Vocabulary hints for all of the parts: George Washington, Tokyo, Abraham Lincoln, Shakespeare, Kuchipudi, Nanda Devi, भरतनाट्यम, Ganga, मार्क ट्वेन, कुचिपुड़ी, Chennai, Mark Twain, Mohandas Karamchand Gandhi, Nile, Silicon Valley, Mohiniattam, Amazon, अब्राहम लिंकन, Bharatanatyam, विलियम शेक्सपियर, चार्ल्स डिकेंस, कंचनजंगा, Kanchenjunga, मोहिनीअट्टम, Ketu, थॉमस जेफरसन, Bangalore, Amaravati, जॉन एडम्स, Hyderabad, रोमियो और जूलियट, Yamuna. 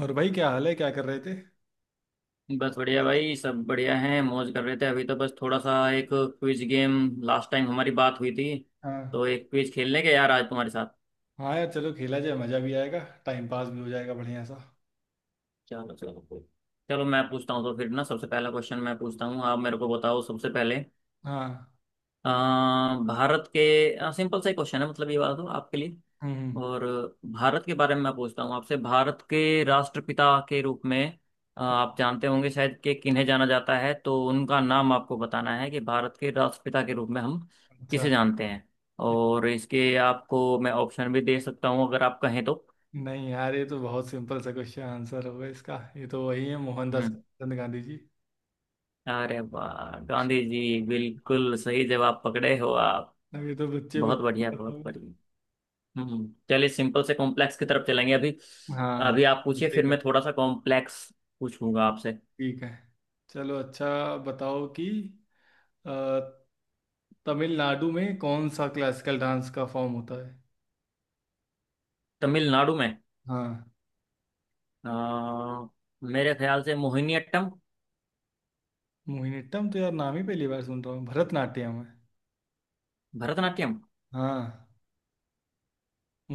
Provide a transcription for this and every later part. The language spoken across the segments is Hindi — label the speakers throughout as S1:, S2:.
S1: और भाई, क्या हाल है? क्या कर रहे थे?
S2: बस बढ़िया भाई। सब बढ़िया हैं, मौज कर रहे थे। अभी तो बस थोड़ा सा एक क्विज गेम, लास्ट टाइम हमारी बात हुई थी,
S1: हाँ।
S2: तो एक क्विज खेलने के यार आज तुम्हारे साथ।
S1: हाँ यार, चलो खेला जाए। मज़ा भी आएगा। टाइम पास भी हो जाएगा बढ़िया सा।
S2: चलो चलो चलो, मैं पूछता हूँ तो फिर ना। सबसे पहला क्वेश्चन मैं पूछता हूँ, आप मेरे को बताओ सबसे पहले।
S1: हाँ।
S2: अ, भारत के, सिंपल सा ही क्वेश्चन है मतलब ये वाला तो आपके लिए।
S1: हम्म।
S2: और भारत के बारे में मैं पूछता हूँ आपसे। भारत के राष्ट्रपिता के रूप में आप जानते होंगे शायद कि किन्हें जाना जाता है, तो उनका नाम आपको बताना है कि भारत के राष्ट्रपिता के रूप में हम
S1: अच्छा।
S2: किसे जानते हैं। और इसके आपको मैं ऑप्शन भी दे सकता हूँ अगर आप कहें तो।
S1: नहीं यार, ये तो बहुत सिंपल सा क्वेश्चन आंसर होगा इसका। ये तो वही है, मोहनदास
S2: हम्म।
S1: करमचंद गांधी जी।
S2: अरे वाह, गांधी जी! बिल्कुल सही जवाब पकड़े हो आप।
S1: अब ये तो बच्चे
S2: बहुत
S1: बच्चे
S2: बढ़िया,
S1: के पता
S2: बहुत
S1: होगा।
S2: बढ़िया। हम्म, चलिए सिंपल से कॉम्प्लेक्स की तरफ चलेंगे अभी।
S1: हाँ।
S2: अभी आप पूछिए, फिर
S1: ठीक है।
S2: मैं थोड़ा सा कॉम्प्लेक्स पूछूंगा आपसे।
S1: ठीक है। चलो, अच्छा बताओ कि अ, तमिलनाडु में कौन सा क्लासिकल डांस का फॉर्म होता है?
S2: तमिलनाडु में
S1: हाँ।
S2: अ, मेरे ख्याल से मोहिनीअट्टम।
S1: मोहिनीअट्टम तो यार नाम ही पहली बार सुन रहा हूँ। भरतनाट्यम है।
S2: भरतनाट्यम?
S1: हाँ।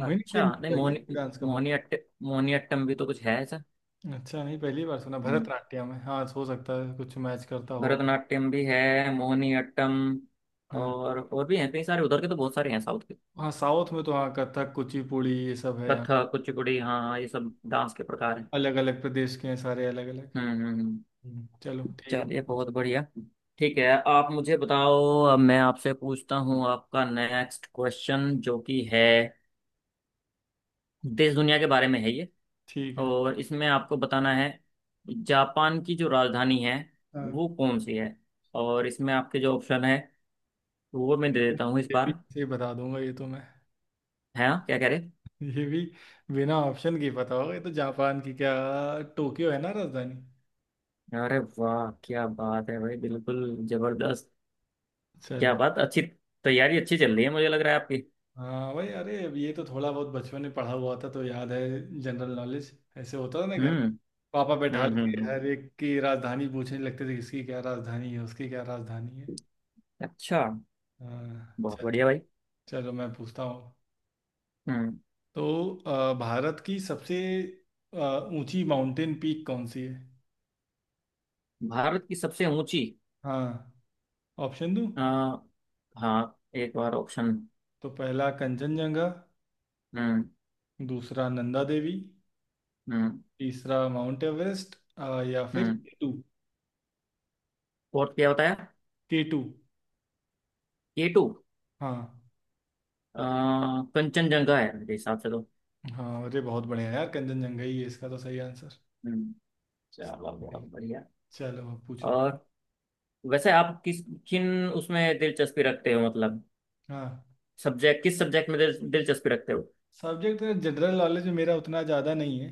S2: अच्छा,
S1: होता
S2: नहीं,
S1: है क्या डांस का फॉर्म?
S2: मोहिनीअट्ट मोहिनीअट्टम भी तो कुछ है ऐसा।
S1: अच्छा, नहीं पहली बार सुना।
S2: हम्म,
S1: भरतनाट्यम है। हाँ, हो सकता है कुछ मैच करता हो।
S2: भरतनाट्यम भी है, मोहिनीअट्टम
S1: हाँ।
S2: और भी हैं कई सारे, उधर के तो बहुत सारे हैं साउथ के।
S1: हाँ, साउथ में तो, हाँ, कथक कुचिपुड़ी ये सब है यहाँ।
S2: कथक कुचिपुड़ी, हाँ हाँ, ये सब डांस के प्रकार हैं।
S1: अलग अलग प्रदेश के हैं सारे, अलग अलग।
S2: हम्म हम्म हम्म।
S1: चलो ठीक है,
S2: चलिए,
S1: पूछ।
S2: बहुत बढ़िया। ठीक है, आप मुझे बताओ। अब मैं आपसे पूछता हूँ आपका नेक्स्ट क्वेश्चन, जो कि है देश दुनिया के बारे में है ये।
S1: ठीक है।
S2: और इसमें आपको बताना है, जापान की जो राजधानी है
S1: हाँ,
S2: वो कौन सी है। और इसमें आपके जो ऑप्शन है वो मैं दे
S1: अरे,
S2: देता हूँ इस
S1: ये भी
S2: बार।
S1: से बता दूंगा ये तो मैं।
S2: है ना, क्या कह रहे।
S1: ये भी बिना ऑप्शन के पता होगा ये तो। जापान की क्या, टोक्यो है ना राजधानी?
S2: अरे वाह, क्या बात है भाई, बिल्कुल जबरदस्त! क्या
S1: चलो।
S2: बात, अच्छी तैयारी अच्छी चल रही है मुझे लग रहा है आपकी।
S1: हाँ भाई, अरे अब ये तो थोड़ा बहुत बचपन में पढ़ा हुआ था तो याद है। जनरल नॉलेज ऐसे होता था ना घर।
S2: हम्म
S1: पापा बैठा
S2: हम्म हम्म
S1: के
S2: हम्म।
S1: हर एक की राजधानी पूछने लगते थे, किसकी क्या राजधानी है, उसकी क्या राजधानी है।
S2: अच्छा,
S1: अ,
S2: बहुत
S1: चलो।
S2: बढ़िया भाई।
S1: चलो, मैं पूछता हूँ।
S2: हम्म।
S1: तो भारत की सबसे अ, ऊंची माउंटेन पीक कौन सी है?
S2: भारत की सबसे ऊंची,
S1: हाँ, ऑप्शन दूँ?
S2: अ, हाँ एक बार ऑप्शन।
S1: तो पहला कंचनजंगा,
S2: हम्म
S1: दूसरा नंदा देवी,
S2: हम्म
S1: तीसरा माउंट एवरेस्ट, या फिर
S2: हम्म।
S1: केटू।
S2: और क्या बताया?
S1: केटू।
S2: K two.
S1: हाँ।
S2: कंचनजंगा है मेरे हिसाब से तो।
S1: हाँ, अरे बहुत बढ़िया यार, कंचनजंगा ही है इसका तो सही आंसर।
S2: हम्म, चलो बहुत बढ़िया।
S1: चलो, अब पूछो।
S2: और वैसे आप किस किन उसमें दिलचस्पी रखते हो मतलब,
S1: हाँ,
S2: सब्जेक्ट? किस सब्जेक्ट में दिलचस्पी रखते हो?
S1: सब्जेक्ट तो जनरल नॉलेज में मेरा उतना ज़्यादा नहीं है,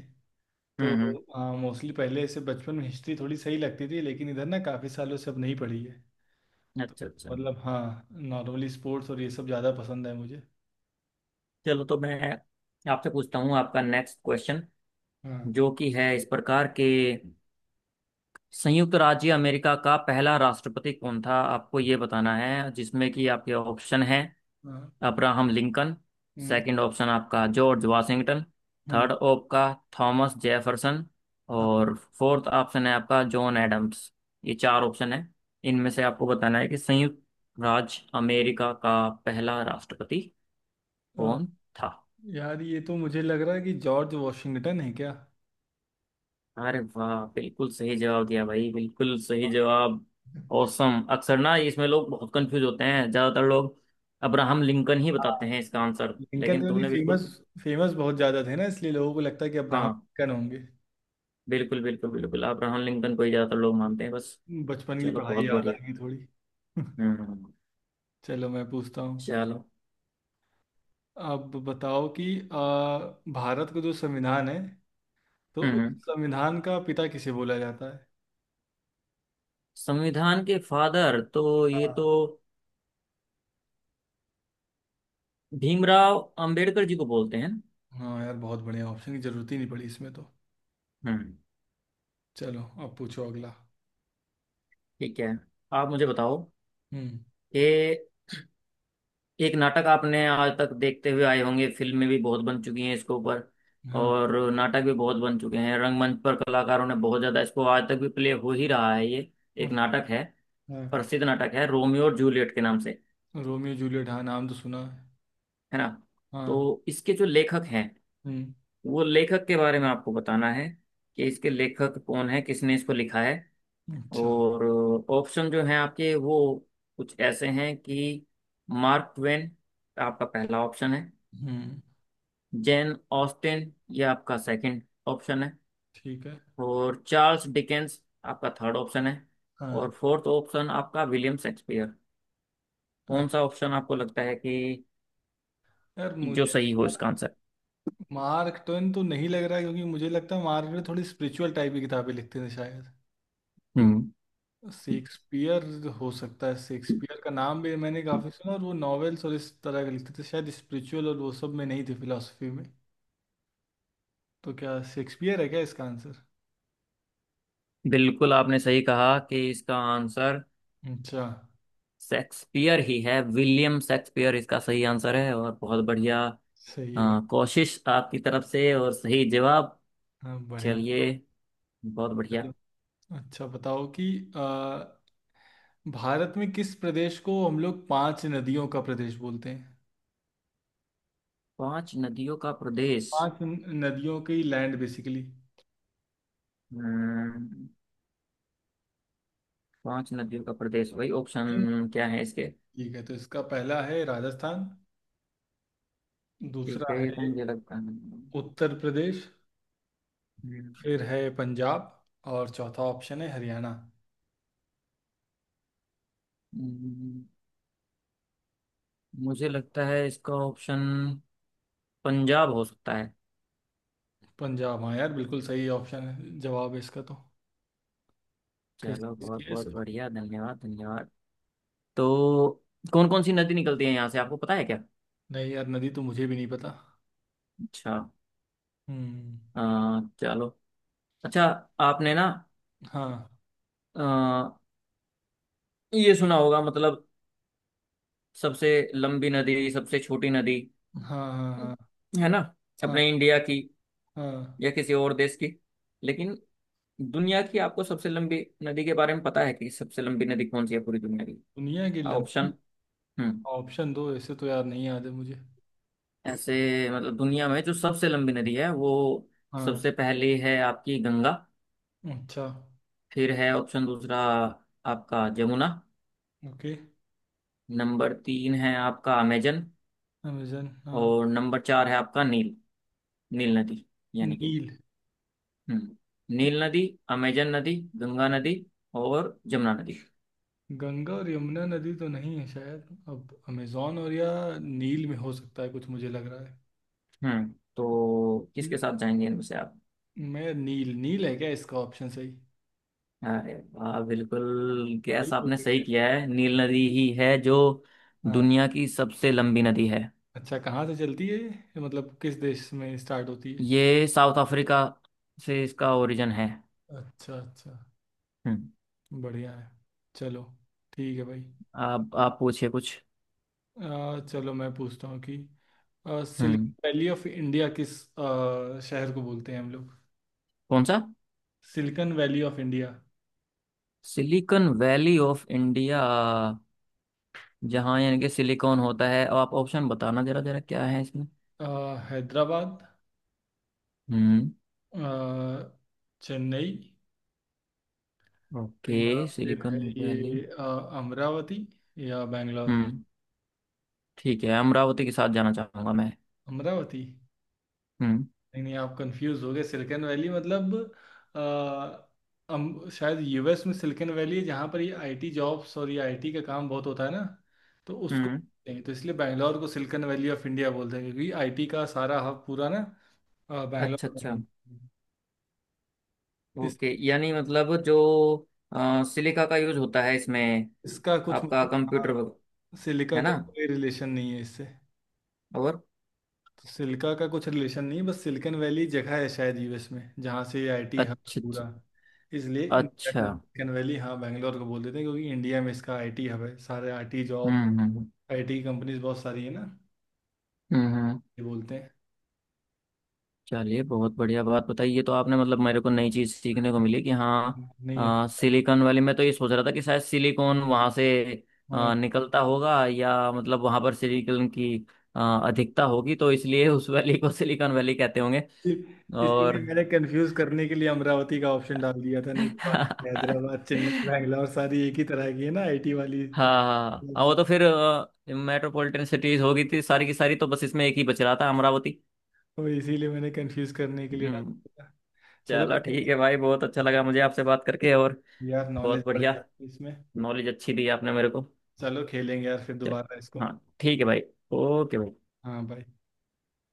S1: तो
S2: हम्म।
S1: हाँ, मोस्टली पहले ऐसे बचपन में हिस्ट्री थोड़ी सही लगती थी, लेकिन इधर ना काफ़ी सालों से अब नहीं पढ़ी है। तो
S2: अच्छा अच्छा।
S1: मतलब हाँ, नॉर्मली स्पोर्ट्स और ये सब ज़्यादा पसंद है मुझे।
S2: चलो तो मैं आपसे पूछता हूँ आपका नेक्स्ट क्वेश्चन,
S1: हाँ।
S2: जो कि है इस प्रकार के: संयुक्त राज्य अमेरिका का पहला राष्ट्रपति कौन था, आपको ये बताना है, जिसमें कि आपके ऑप्शन है—
S1: हाँ।
S2: अब्राहम लिंकन,
S1: हम्म।
S2: सेकंड ऑप्शन आपका जॉर्ज वाशिंगटन,
S1: हम्म।
S2: थर्ड आपका थॉमस जेफरसन,
S1: हाँ।
S2: और फोर्थ ऑप्शन है आपका जॉन एडम्स। ये चार ऑप्शन है, इनमें से आपको बताना है कि संयुक्त राज्य अमेरिका का पहला राष्ट्रपति
S1: अ,
S2: कौन था।
S1: यार ये तो मुझे लग रहा है कि जॉर्ज वॉशिंगटन है क्या?
S2: अरे वाह, बिल्कुल सही जवाब दिया भाई, बिल्कुल सही जवाब! औसम। अक्सर ना इसमें लोग बहुत कंफ्यूज होते हैं, ज्यादातर लोग अब्राहम लिंकन ही बताते
S1: हाँ,
S2: हैं इसका आंसर,
S1: लिंकन
S2: लेकिन
S1: वाली
S2: तुमने बिल्कुल।
S1: फेमस, फेमस बहुत ज़्यादा थे ना, इसलिए लोगों को लगता है कि अब्राहम
S2: हाँ,
S1: लिंकन होंगे।
S2: बिल्कुल बिल्कुल बिल्कुल अब्राहम लिंकन को ही ज्यादातर लोग मानते हैं बस।
S1: बचपन की
S2: चलो
S1: पढ़ाई
S2: बहुत
S1: याद आ
S2: बढ़िया।
S1: गई थोड़ी।
S2: हम्म।
S1: चलो, मैं पूछता हूँ।
S2: चलो।
S1: अब बताओ कि आ, भारत का जो संविधान है, तो उस
S2: हम्म।
S1: संविधान का पिता किसे बोला जाता है?
S2: संविधान के फादर तो ये तो
S1: हाँ।
S2: भीमराव अंबेडकर जी को बोलते हैं ना?
S1: हाँ यार, बहुत बढ़िया, ऑप्शन की जरूरत ही नहीं पड़ी इसमें तो।
S2: हम्म।
S1: चलो, अब पूछो अगला।
S2: ठीक है, आप मुझे बताओ
S1: हम्म।
S2: कि एक नाटक आपने आज तक देखते हुए आए होंगे, फिल्में भी बहुत बन चुकी हैं इसके ऊपर,
S1: हाँ।
S2: और नाटक भी बहुत बन चुके हैं, रंगमंच पर कलाकारों ने बहुत ज्यादा इसको, आज तक भी प्ले हो ही रहा है ये। एक नाटक है,
S1: हाँ।
S2: प्रसिद्ध नाटक है, रोमियो और जूलियट के नाम से।
S1: रोमियो जूलियट, हाँ नाम तो सुना है।
S2: है ना। तो
S1: हाँ।
S2: इसके जो लेखक हैं,
S1: हम्म।
S2: वो लेखक के बारे में आपको बताना है कि इसके लेखक कौन है, किसने इसको लिखा है।
S1: अच्छा।
S2: और ऑप्शन जो हैं आपके वो कुछ ऐसे हैं कि— मार्क ट्वेन आपका पहला ऑप्शन है,
S1: हम्म।
S2: जेन ऑस्टिन ये आपका सेकंड ऑप्शन है,
S1: ठीक है।
S2: और चार्ल्स डिकेंस आपका थर्ड ऑप्शन है,
S1: हाँ।
S2: और फोर्थ ऑप्शन आपका विलियम शेक्सपियर।
S1: अ-
S2: कौन सा ऑप्शन आपको लगता है कि
S1: यार
S2: जो
S1: मुझे
S2: सही हो इसका आंसर?
S1: मार्क ट्वेन तो नहीं लग रहा है, क्योंकि मुझे लगता है मार्क ट्वेन थोड़ी स्पिरिचुअल टाइप की किताबें लिखते थे शायद।
S2: हम्म।
S1: शेक्सपियर, हो सकता है शेक्सपियर का नाम भी मैंने काफ़ी सुना, और वो नॉवेल्स और इस तरह के लिखते थे शायद, स्पिरिचुअल और वो सब में नहीं थे, फिलोसफी में। तो क्या शेक्सपियर है क्या इसका आंसर?
S2: बिल्कुल, आपने सही कहा कि इसका आंसर
S1: अच्छा।
S2: शेक्सपियर ही है, विलियम शेक्सपियर इसका सही आंसर है। और बहुत बढ़िया
S1: सही है।
S2: कोशिश आपकी तरफ से और सही जवाब।
S1: हाँ, बढ़िया।
S2: चलिए, बहुत बढ़िया।
S1: चलो, अच्छा बताओ कि अ, भारत में किस प्रदेश को हम लोग पांच नदियों का प्रदेश बोलते हैं?
S2: पांच नदियों का प्रदेश।
S1: पांच नदियों की लैंड, बेसिकली।
S2: हम्म, पांच नदियों का प्रदेश भाई, ऑप्शन क्या है इसके?
S1: ठीक है, तो इसका पहला है राजस्थान,
S2: ठीक
S1: दूसरा
S2: है,
S1: है
S2: ये तो मुझे लगता है।
S1: उत्तर प्रदेश,
S2: हम्म,
S1: फिर है पंजाब, और चौथा ऑप्शन है हरियाणा।
S2: हम्म, मुझे लगता है इसका ऑप्शन पंजाब हो सकता है।
S1: पंजाब, हाँ यार, बिल्कुल सही ऑप्शन है, जवाब है इसका तो। किस
S2: चलो,
S1: चीज़ की
S2: बहुत
S1: है
S2: बहुत
S1: इसको?
S2: बढ़िया। धन्यवाद धन्यवाद। तो कौन कौन सी नदी निकलती है यहाँ से, आपको पता है क्या?
S1: नहीं यार, नदी तो मुझे भी नहीं पता।
S2: अच्छा।
S1: हम्म।
S2: चलो अच्छा, आपने ना
S1: हाँ।
S2: अ, ये सुना होगा, मतलब, सबसे लंबी नदी, सबसे छोटी नदी,
S1: हाँ। हाँ। हाँ।
S2: है ना,
S1: हाँ।
S2: अपने इंडिया की
S1: हाँ।
S2: या किसी और देश की। लेकिन दुनिया की, आपको सबसे लंबी नदी के बारे में पता है कि सबसे लंबी नदी कौन सी है पूरी दुनिया की?
S1: दुनिया की
S2: ऑप्शन।
S1: लंबी?
S2: हम्म।
S1: ऑप्शन दो, ऐसे तो यार नहीं याद है मुझे।
S2: ऐसे मतलब, दुनिया में जो सबसे लंबी नदी है वो।
S1: हाँ।
S2: सबसे पहली है आपकी गंगा।
S1: अच्छा।
S2: फिर है ऑप्शन दूसरा आपका जमुना।
S1: ओके।
S2: नंबर तीन है आपका अमेजन।
S1: अमेजन, हाँ।
S2: और नंबर चार है आपका नील, नील नदी। यानी कि,
S1: नील।
S2: हम्म, नील नदी, अमेजन नदी, गंगा नदी, और जमुना नदी।
S1: गंगा और यमुना नदी तो नहीं है शायद, अब अमेजोन और या नील में हो सकता है कुछ मुझे लग रहा
S2: हम्म। तो
S1: है।
S2: किसके साथ जाएंगे इनमें से आप?
S1: मैं नील, नील है क्या इसका ऑप्शन सही?
S2: अरे वाह, बिल्कुल
S1: सही
S2: गैस
S1: हो
S2: आपने सही
S1: गया।
S2: किया है। नील नदी ही है जो
S1: हाँ।
S2: दुनिया की सबसे लंबी नदी है।
S1: अच्छा, कहाँ से चलती है ये, मतलब किस देश में स्टार्ट होती है?
S2: ये साउथ अफ्रीका से इसका ओरिजिन है।
S1: अच्छा, अच्छा।
S2: हम्म।
S1: बढ़िया है। चलो। ठीक है भाई।
S2: आप पूछिए कुछ।
S1: चलो, मैं पूछता हूँ कि सिलिकन
S2: हम्म,
S1: वैली ऑफ इंडिया किस शहर को बोलते हैं हम लोग?
S2: कौन सा?
S1: Silicon valley of India:
S2: silicon valley of India, जहाँ यानी कि सिलिकॉन होता है। अब आप ऑप्शन बताना जरा जरा क्या है इसमें।
S1: अ, हैदराबाद,
S2: हम्म।
S1: अ, चेन्नई,
S2: ओके,
S1: या फिर है
S2: सिलिकॉन वैली।
S1: ये अमरावती, या बैंगलोर।
S2: हम्म, ठीक है, अमरावती के साथ जाना चाहूंगा मैं।
S1: अमरावती?
S2: हम्म
S1: नहीं नहीं, आप कंफ्यूज हो गए। सिलिकॉन वैली मतलब आ, शायद यूएस में सिलिकॉन वैली है, जहाँ पर ये आईटी जॉब्स और ये आईटी का काम बहुत होता है ना, तो उसको
S2: हम्म।
S1: बोलते हैं। तो इसलिए बैंगलोर को सिलिकॉन वैली ऑफ इंडिया बोलते हैं, क्योंकि आईटी का सारा हब पूरा ना बैंगलोर
S2: अच्छा
S1: में
S2: अच्छा,
S1: है। इस,
S2: ओके। यानी मतलब जो सिलिका का यूज होता है इसमें,
S1: इसका कुछ
S2: आपका
S1: मतलब,
S2: कंप्यूटर
S1: हाँ, सिलिका
S2: है
S1: का
S2: ना।
S1: कोई रिलेशन नहीं है इससे।
S2: और
S1: तो सिल्का का कुछ रिलेशन नहीं, बस सिलिकन वैली जगह है शायद यूएस में, जहाँ से ये आईटी हब है
S2: अच्छा
S1: पूरा।
S2: अच्छा
S1: इसलिए इंडिया
S2: अच्छा।
S1: का सिलिकन वैली, हाँ, बैंगलोर को बोल देते हैं, क्योंकि इंडिया में इसका आईटी हब है, सारे आईटी जॉब,
S2: हम्म हम्म
S1: आईटी कंपनीज बहुत सारी है ना,
S2: हम्म।
S1: ये बोलते हैं।
S2: चलिए, बहुत बढ़िया बात बताई ये तो आपने, मतलब मेरे को नई चीज़ सीखने को मिली कि हाँ।
S1: नहीं, अच्छा है।
S2: सिलिकॉन वाली, मैं तो ये सोच रहा था कि शायद सिलिकॉन वहाँ से
S1: हाँ,
S2: निकलता होगा, या मतलब वहाँ पर सिलिकॉन की अधिकता होगी तो इसलिए उस वैली को सिलिकॉन वैली कहते होंगे।
S1: इसीलिए
S2: और
S1: मैंने कंफ्यूज करने के लिए अमरावती का ऑप्शन डाल दिया था, नहीं तो बाकी हैदराबाद, चेन्नई, बैंगलोर सारी एक ही तरह की है ना, आईटी वाली।
S2: हाँ हाँ हाँ, हाँ,
S1: तो
S2: वो तो फिर मेट्रोपॉलिटन सिटीज हो गई थी सारी की सारी, तो बस इसमें एक ही बच रहा था अमरावती।
S1: इसीलिए मैंने कंफ्यूज करने के लिए डाल
S2: हम्म।
S1: दिया था। चलो,
S2: चलो
S1: बढ़िया
S2: ठीक है भाई, बहुत अच्छा लगा मुझे आपसे बात करके। और
S1: है। यार नॉलेज
S2: बहुत
S1: बढ़
S2: बढ़िया,
S1: जाती है इसमें।
S2: नॉलेज अच्छी दी आपने मेरे को।
S1: चलो, खेलेंगे यार फिर
S2: चलिए।
S1: दोबारा इसको।
S2: हाँ। ठीक है भाई। ओके।
S1: हाँ, बाय।